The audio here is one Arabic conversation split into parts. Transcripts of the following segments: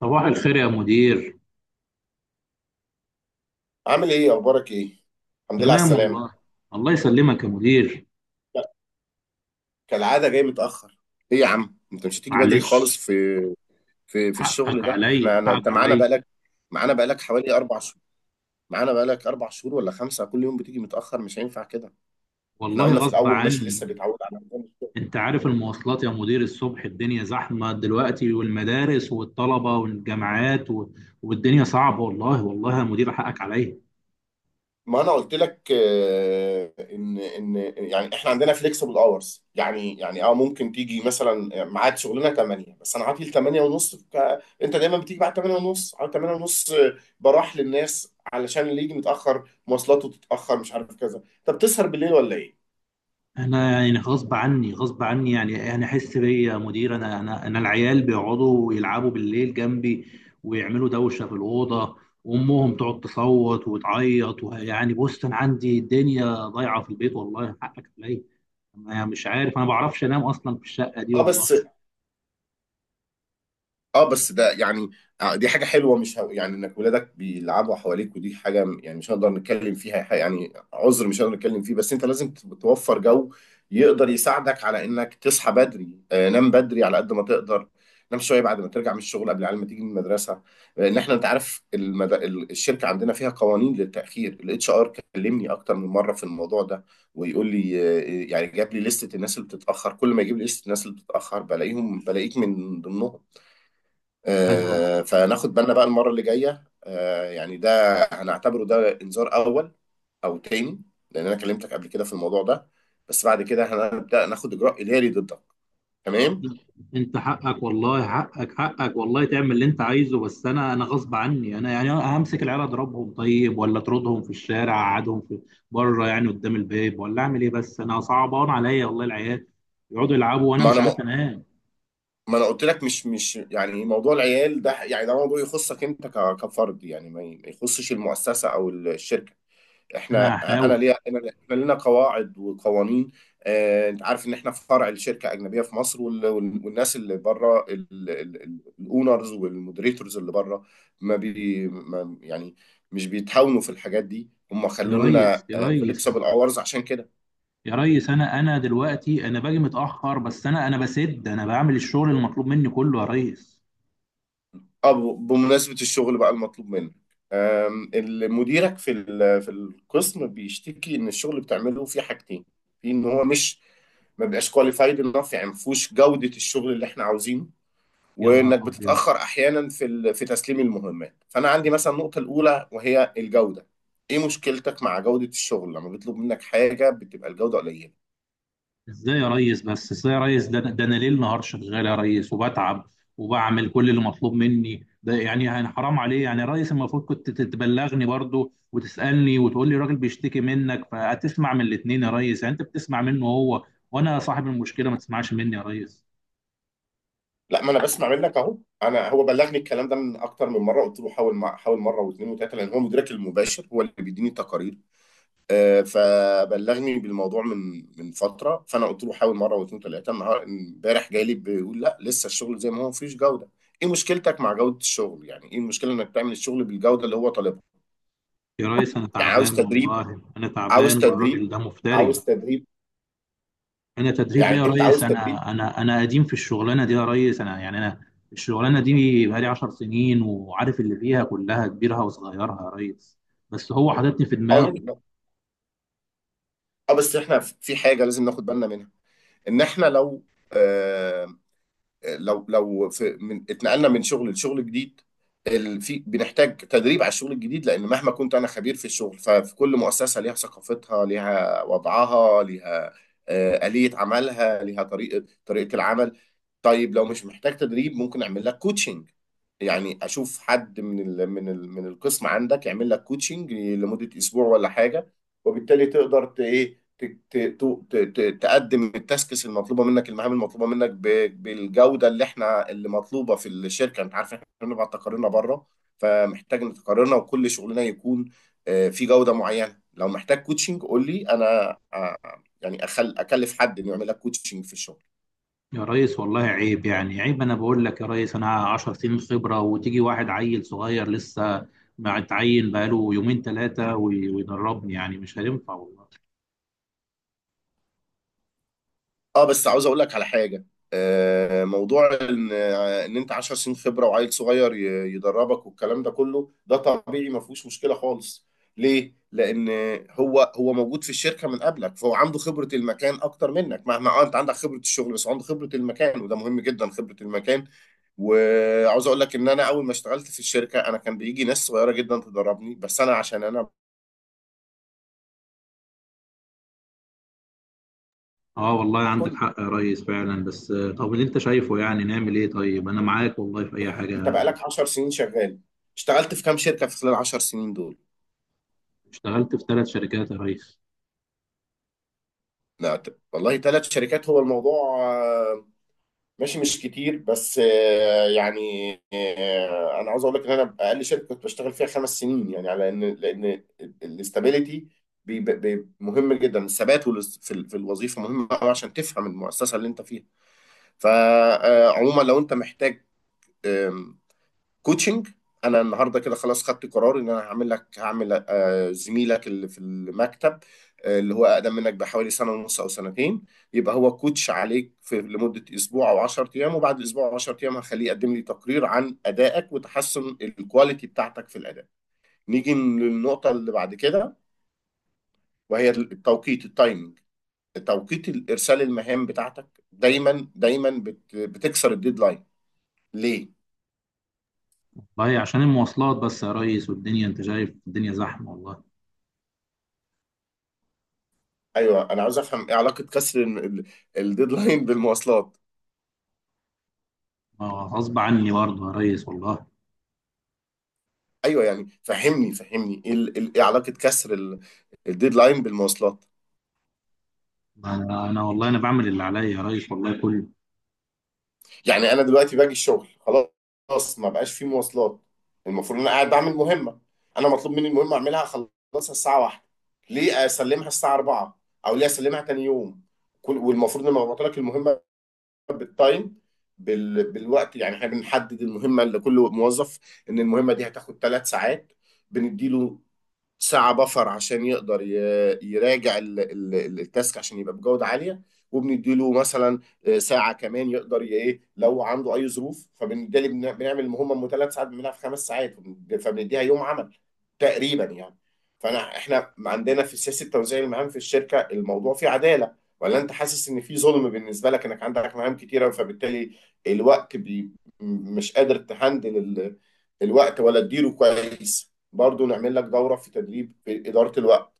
صباح الخير يا مدير. عامل ايه اخبارك ايه؟ الحمد لله على تمام السلامه. والله. الله يسلمك يا مدير. لا، كالعاده جاي متاخر. ايه يا عم انت مش هتيجي بدري معلش. خالص؟ في الشغل حقك ده احنا عليا أنا انت حقك معانا عليا. بقالك، معانا بقالك حوالي اربع شهور، معانا بقالك اربع شهور ولا خمسه، كل يوم بتيجي متاخر، مش هينفع كده. احنا والله قلنا في غصب الاول ماشي عني. لسه بيتعود على الموضوع. انت عارف المواصلات يا مدير، الصبح الدنيا زحمة دلوقتي، والمدارس والطلبة والجامعات والدنيا صعبة والله. والله يا مدير حقك عليا. ما انا قلت لك ان يعني احنا عندنا فليكسبل اورز، يعني ممكن تيجي مثلا، ميعاد شغلنا 8 بس انا عاطل 8 ونص، انت دايما بتيجي بعد 8 ونص، على 8 ونص براح للناس علشان اللي يجي متاخر مواصلاته تتاخر مش عارف كذا. طب تسهر بالليل ولا ايه؟ انا يعني غصب عني غصب عني، يعني انا احس بيا يا مدير. انا العيال بيقعدوا يلعبوا بالليل جنبي، ويعملوا دوشه في الاوضه، وامهم تقعد تصوت وتعيط. ويعني بص، انا عندي الدنيا ضايعه في البيت والله. حقك عليا. انا مش عارف، انا ما بعرفش انام اصلا في الشقه دي اه والله. بس، اه بس ده يعني دي حاجة حلوة، مش ه... يعني انك ولادك بيلعبوا حواليك، ودي حاجة يعني مش هنقدر نتكلم فيها، يعني عذر مش هنقدر نتكلم فيه. بس انت لازم توفر جو يقدر يساعدك على انك تصحى بدري. آه، نام بدري على قد ما تقدر، نام شوية بعد ما ترجع من الشغل قبل العيال ما تيجي من المدرسة. لان احنا انت عارف الشركة عندنا فيها قوانين للتأخير. الاتش ار كلمني اكتر من مرة في الموضوع ده، ويقول لي يعني جاب لي لستة الناس اللي بتتأخر، كل ما يجيب لي لستة الناس اللي بتتأخر بلاقيهم، بلاقيك من ضمنهم. انا فناخد بالنا بقى. المرة اللي جاية ده هنعتبره ده إنذار أول أو تاني، لأن أنا كلمتك قبل كده في الموضوع ده، بس بعد كده هنبدأ ناخد إجراء إداري ضدك، تمام؟ انت حقك، والله حقك حقك، والله تعمل اللي انت عايزه، بس انا غصب عني. انا يعني همسك العيال اضربهم طيب، ولا اطردهم في الشارع، اقعدهم في بره يعني قدام الباب، ولا اعمل ايه؟ بس انا صعبان عليا والله العيال يقعدوا يلعبوا وانا ما مش أنا م... عارف انام. ما أنا قلت لك مش يعني موضوع العيال ده، يعني ده موضوع يخصك أنت كفرد، يعني ما يخصش المؤسسة أو الشركة. انا احنا انا هحاول. ليا انا احنا لنا قواعد وقوانين. آه، انت عارف ان احنا فرع لشركه اجنبيه في مصر، والناس اللي بره، الاونرز والمودريتورز اللي بره ما يعني مش بيتهاونوا في الحاجات دي. هم يا خلوا ريس، لنا يا ريس، فليكسبل اورز عشان كده. يا ريس، انا دلوقتي انا باجي متاخر، بس انا بسد، انا بعمل الشغل المطلوب مني كله يا ريس. اه، بمناسبة الشغل بقى المطلوب منك، اللي مديرك في في القسم بيشتكي ان الشغل اللي بتعمله فيه حاجتين. في ان هو مش ما بيبقاش كواليفايد انف، يعني ما فيهوش جودة الشغل اللي احنا عاوزينه، يا نهار وانك ابيض. بتتأخر احيانا في في تسليم المهمات. فانا عندي مثلا النقطة الاولى وهي الجودة. ايه مشكلتك مع جودة الشغل؟ لما بيطلب منك حاجة بتبقى الجودة قليلة. ازاي يا ريس؟ بس ازاي يا ريس؟ ده انا ليل نهار شغال يا ريس، وبتعب وبعمل كل اللي مطلوب مني. ده يعني حرام عليه. يعني يا ريس المفروض كنت تبلغني برضو وتسالني وتقول لي الراجل بيشتكي منك فهتسمع من الاثنين. يا ريس، يعني انت بتسمع منه هو، وانا صاحب المشكله ما تسمعش مني يا ريس؟ لا ما انا بسمع منك اهو. انا هو بلغني الكلام ده من اكتر من مره، قلت له حاول، حاول مره واثنين وثلاثه، لان هو مديرك المباشر، هو اللي بيديني التقارير. آه، فبلغني بالموضوع من فتره، فانا قلت له حاول مره واثنين وثلاثه. امبارح جالي بيقول لا، لسه الشغل زي ما هو، مفيش جوده. ايه مشكلتك مع جوده الشغل؟ يعني ايه المشكله انك تعمل الشغل بالجوده اللي هو طالبها؟ يا ريس انا يعني عاوز تعبان تدريب؟ والله، انا عاوز تعبان، تدريب؟ والراجل ده عاوز مفتري. تدريب؟ انا تدريب ايه يعني يا انت ريس؟ عاوز تدريب؟ انا قديم في الشغلانه دي يا ريس. انا يعني انا الشغلانه دي بقالي 10 سنين، وعارف اللي فيها كلها، كبيرها وصغيرها يا ريس. بس هو حاططني في دماغه. اه. اه بس احنا في حاجه لازم ناخد بالنا منها، ان احنا لو آه، لو في، اتنقلنا من شغل لشغل جديد، ال- في بنحتاج تدريب على الشغل الجديد، لان مهما كنت انا خبير في الشغل، ففي كل مؤسسه ليها ثقافتها، ليها وضعها، ليها آلية عملها، ليها طريقه العمل. طيب لو مش محتاج تدريب ممكن اعمل لك كوتشنج، يعني اشوف حد من القسم عندك يعمل لك كوتشنج لمده اسبوع ولا حاجه، وبالتالي تقدر ت- ايه ت- ت- ت- ت- تقدم التاسكس المطلوبه منك، المهام المطلوبه منك بالجوده اللي اللي مطلوبه في الشركه. انت عارف احنا بنبعت تقاريرنا بره، فمحتاج ان تقاريرنا وكل شغلنا يكون في جوده معينه. لو محتاج كوتشنج قول لي انا، يعني أخل- اكلف حد انه يعمل لك كوتشنج في الشغل. يا ريس والله عيب، يعني عيب. انا بقول لك يا ريس انا 10 سنين خبره، وتيجي واحد عيل صغير لسه ما اتعين بقاله يومين ثلاثه ويدربني؟ يعني مش هينفع والله. اه بس عاوز اقول لك على حاجه. موضوع ان انت 10 سنين خبره وعيل صغير يدربك والكلام ده كله، ده طبيعي، ما فيهوش مشكله خالص. ليه؟ لان هو موجود في الشركه من قبلك، فهو عنده خبره المكان اكتر منك. مهما اه انت عندك خبره الشغل، بس عنده خبره المكان، وده مهم جدا خبره المكان. وعاوز اقول لك ان انا اول ما اشتغلت في الشركه، انا كان بيجي ناس صغيره جدا تدربني، بس انا عشان انا. اه والله عندك كل حق يا ريس فعلا، بس طب اللي انت شايفه يعني نعمل ايه؟ طيب انا معاك والله في اي انت حاجه. بقالك 10 سنين شغال، اشتغلت في كام شركه في خلال 10 سنين دول؟ اشتغلت في 3 شركات يا ريس. لا ت- والله ثلاث شركات هو الموضوع. آه، ماشي مش كتير، بس انا عاوز اقول لك ان انا اقل شركه كنت بشتغل فيها خمس سنين، يعني على ان، لان الاستابيليتي مهم جدا. الثبات في في الوظيفه مهم قوي عشان تفهم المؤسسه اللي انت فيها. فعموما لو انت محتاج كوتشنج، انا النهارده كده خلاص خدت قرار ان انا هعمل لك، هعمل آه، زميلك اللي في المكتب اللي هو اقدم منك بحوالي سنه ونص او سنتين يبقى هو كوتش عليك في لمده اسبوع او 10 ايام، وبعد اسبوع او 10 ايام هخليه يقدم لي تقرير عن ادائك وتحسن الكواليتي بتاعتك في الاداء. نيجي للنقطه اللي بعد كده، وهي التوقيت، التايمنج، توقيت الارسال. المهام بتاعتك دايما دايما بتكسر الديدلاين، ليه؟ والله عشان المواصلات بس يا ريس، والدنيا انت شايف الدنيا زحمة والله. ايوه، انا عاوز افهم ايه علاقه كسر الديدلاين بالمواصلات. ما هو غصب عني برضه يا ريس والله. ايوه يعني، فهمني ايه ايه علاقه كسر الديدلاين بالمواصلات. انا والله انا بعمل اللي عليا يا ريس والله كله. يعني انا دلوقتي باجي الشغل، خلاص ما بقاش في مواصلات، المفروض ان انا قاعد بعمل مهمه، انا مطلوب مني المهمه اعملها اخلصها الساعه واحدة، ليه اسلمها الساعه 4 او ليه اسلمها تاني يوم؟ والمفروض ان انا ببعت لك المهمه بالتايم، بالوقت. يعني احنا بنحدد المهمه لكل موظف ان المهمه دي هتاخد ثلاث ساعات، بنديله ساعة بفر عشان يقدر يراجع التاسك عشان يبقى بجودة عالية، وبنديله مثلا ساعة كمان يقدر ي- ايه لو عنده أي ظروف. فبالتالي بنعمل المهمة من ثلاث ساعات بنعملها في خمس ساعات وبن- فبنديها يوم عمل تقريبا يعني. فانا احنا عندنا في سياسه توزيع المهام في الشركه، الموضوع فيه عداله، ولا انت حاسس ان في ظلم بالنسبه لك انك عندك مهام كتيره؟ فبالتالي الوقت مش قادر تهندل الوقت ولا تديره كويس؟ برضو نعمل لك دوره في تدريب في اداره الوقت.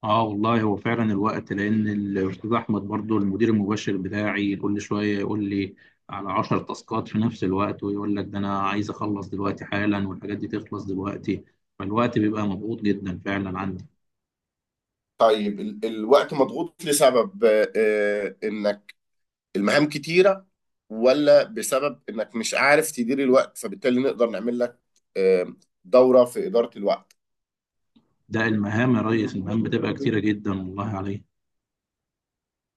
اه والله هو فعلا الوقت، لان الاستاذ احمد برضه المدير المباشر بتاعي كل شوية يقول لي على 10 تاسكات في نفس الوقت، ويقول لك ده انا عايز اخلص دلوقتي حالا والحاجات دي تخلص دلوقتي. فالوقت بيبقى مضغوط جدا فعلا عندي. طيب الوقت مضغوط لسبب انك المهام كتيره، ولا بسبب انك مش عارف تدير الوقت؟ فبالتالي نقدر نعمل لك آه، دورة في إدارة الوقت. ده المهام يا ريس، المهام بتبقى كتيرة جدا والله عليك.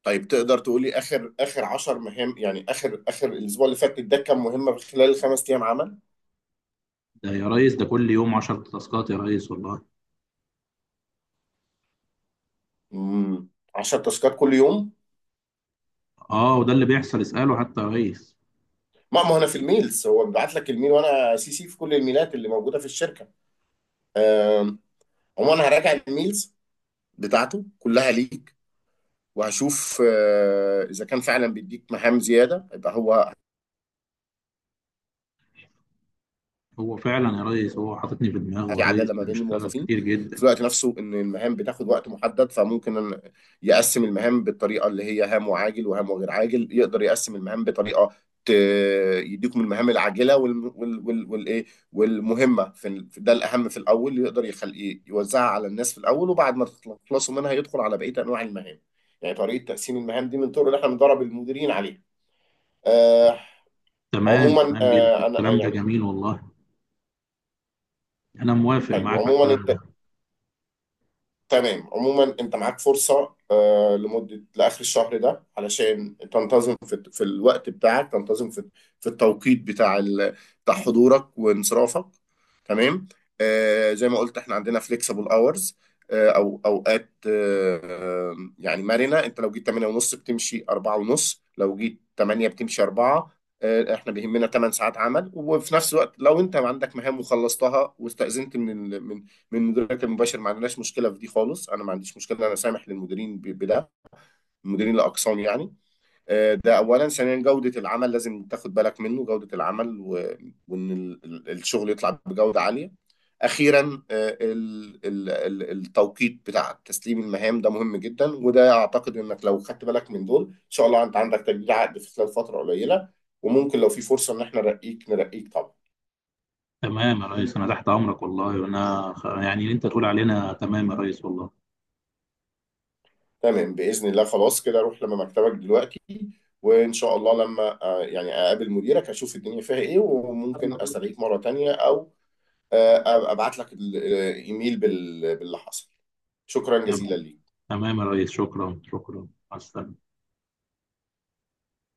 طيب تقدر تقولي اخر اخر 10 مهام، يعني اخر اخر الاسبوع اللي فات ده كام مهمه في خلال الخمس ايام عمل؟ ده يا ريس ده كل يوم 10 تاسكات يا ريس والله. امم 10 تاسكات كل يوم. اه وده اللي بيحصل، اسأله حتى يا ريس. ما هو انا في الميلز هو بيبعت لك الميل، وانا سي سي في كل الميلات اللي موجوده في الشركه. آم، عموما هراجع الميلز بتاعته كلها ليك، وهشوف اذا كان فعلا بيديك مهام زياده، يبقى هو هو فعلا يا ريس هو حاططني في دماغه يا في ريس، عداله ما بين بيشتغل الموظفين. كتير في جدا. الوقت نفسه ان المهام بتاخد وقت محدد، فممكن أن يقسم المهام بالطريقه اللي هي هام وعاجل وهام وغير عاجل. يقدر يقسم المهام بطريقه ت- يديكم المهام العاجله وال وال وال والايه، والمهمه ده الاهم في الاول، يقدر يخلي يوزعها على الناس في الاول، وبعد ما تخلصوا منها يدخل على بقيه انواع المهام. يعني طريقه تقسيم المهام دي من الطرق اللي احنا بندرب المديرين عليها. آه. تمام، عموما تمام جدا، آه انا الكلام ده يعني جميل والله. انا موافق حلو معاك على عموما الكلام ده. تمام. عموما انت معاك فرصة لمدة لآخر الشهر ده علشان تنتظم في, في الوقت بتاعك، تنتظم في, في التوقيت بتاع حضورك وانصرافك، تمام؟ آه، زي ما قلت احنا عندنا flexible hours، او اوقات يعني مرنة. انت لو جيت 8 ونص بتمشي 4 ونص، لو جيت 8 بتمشي 4. آه، احنا بيهمنا 8 ساعات عمل. وفي نفس الوقت لو انت عندك مهام وخلصتها واستأذنت من من مديرك المباشر، ما عندناش مشكله في دي خالص. انا ما عنديش مشكله، انا سامح للمديرين بده، المديرين الاقسام يعني. آه، ده اولا. ثانيا جوده العمل لازم تاخد بالك منه، جوده العمل وان الشغل يطلع بجوده عاليه. اخيرا التوقيت بتاع تسليم المهام ده مهم جدا. وده اعتقد انك لو خدت بالك من دول ان شاء الله انت عندك تجديد عقد في خلال فتره قليله، وممكن لو في فرصه ان احنا نرقيك، نرقيك طبعا. تمام يا ريس، انا تحت امرك والله، وانا يعني اللي انت تقول علينا تمام يا ريس والله. تمام؟ بإذن الله. خلاص كده روح لما مكتبك دلوقتي، وإن شاء الله لما أقابل مديرك أشوف الدنيا فيها إيه، وممكن أسأليك مرة تانية، أو أبعت لك الإيميل باللي حصل. شكرا جزيلا تمام. ليك. تمام يا ريس، شكرا شكرا، مع السلامة.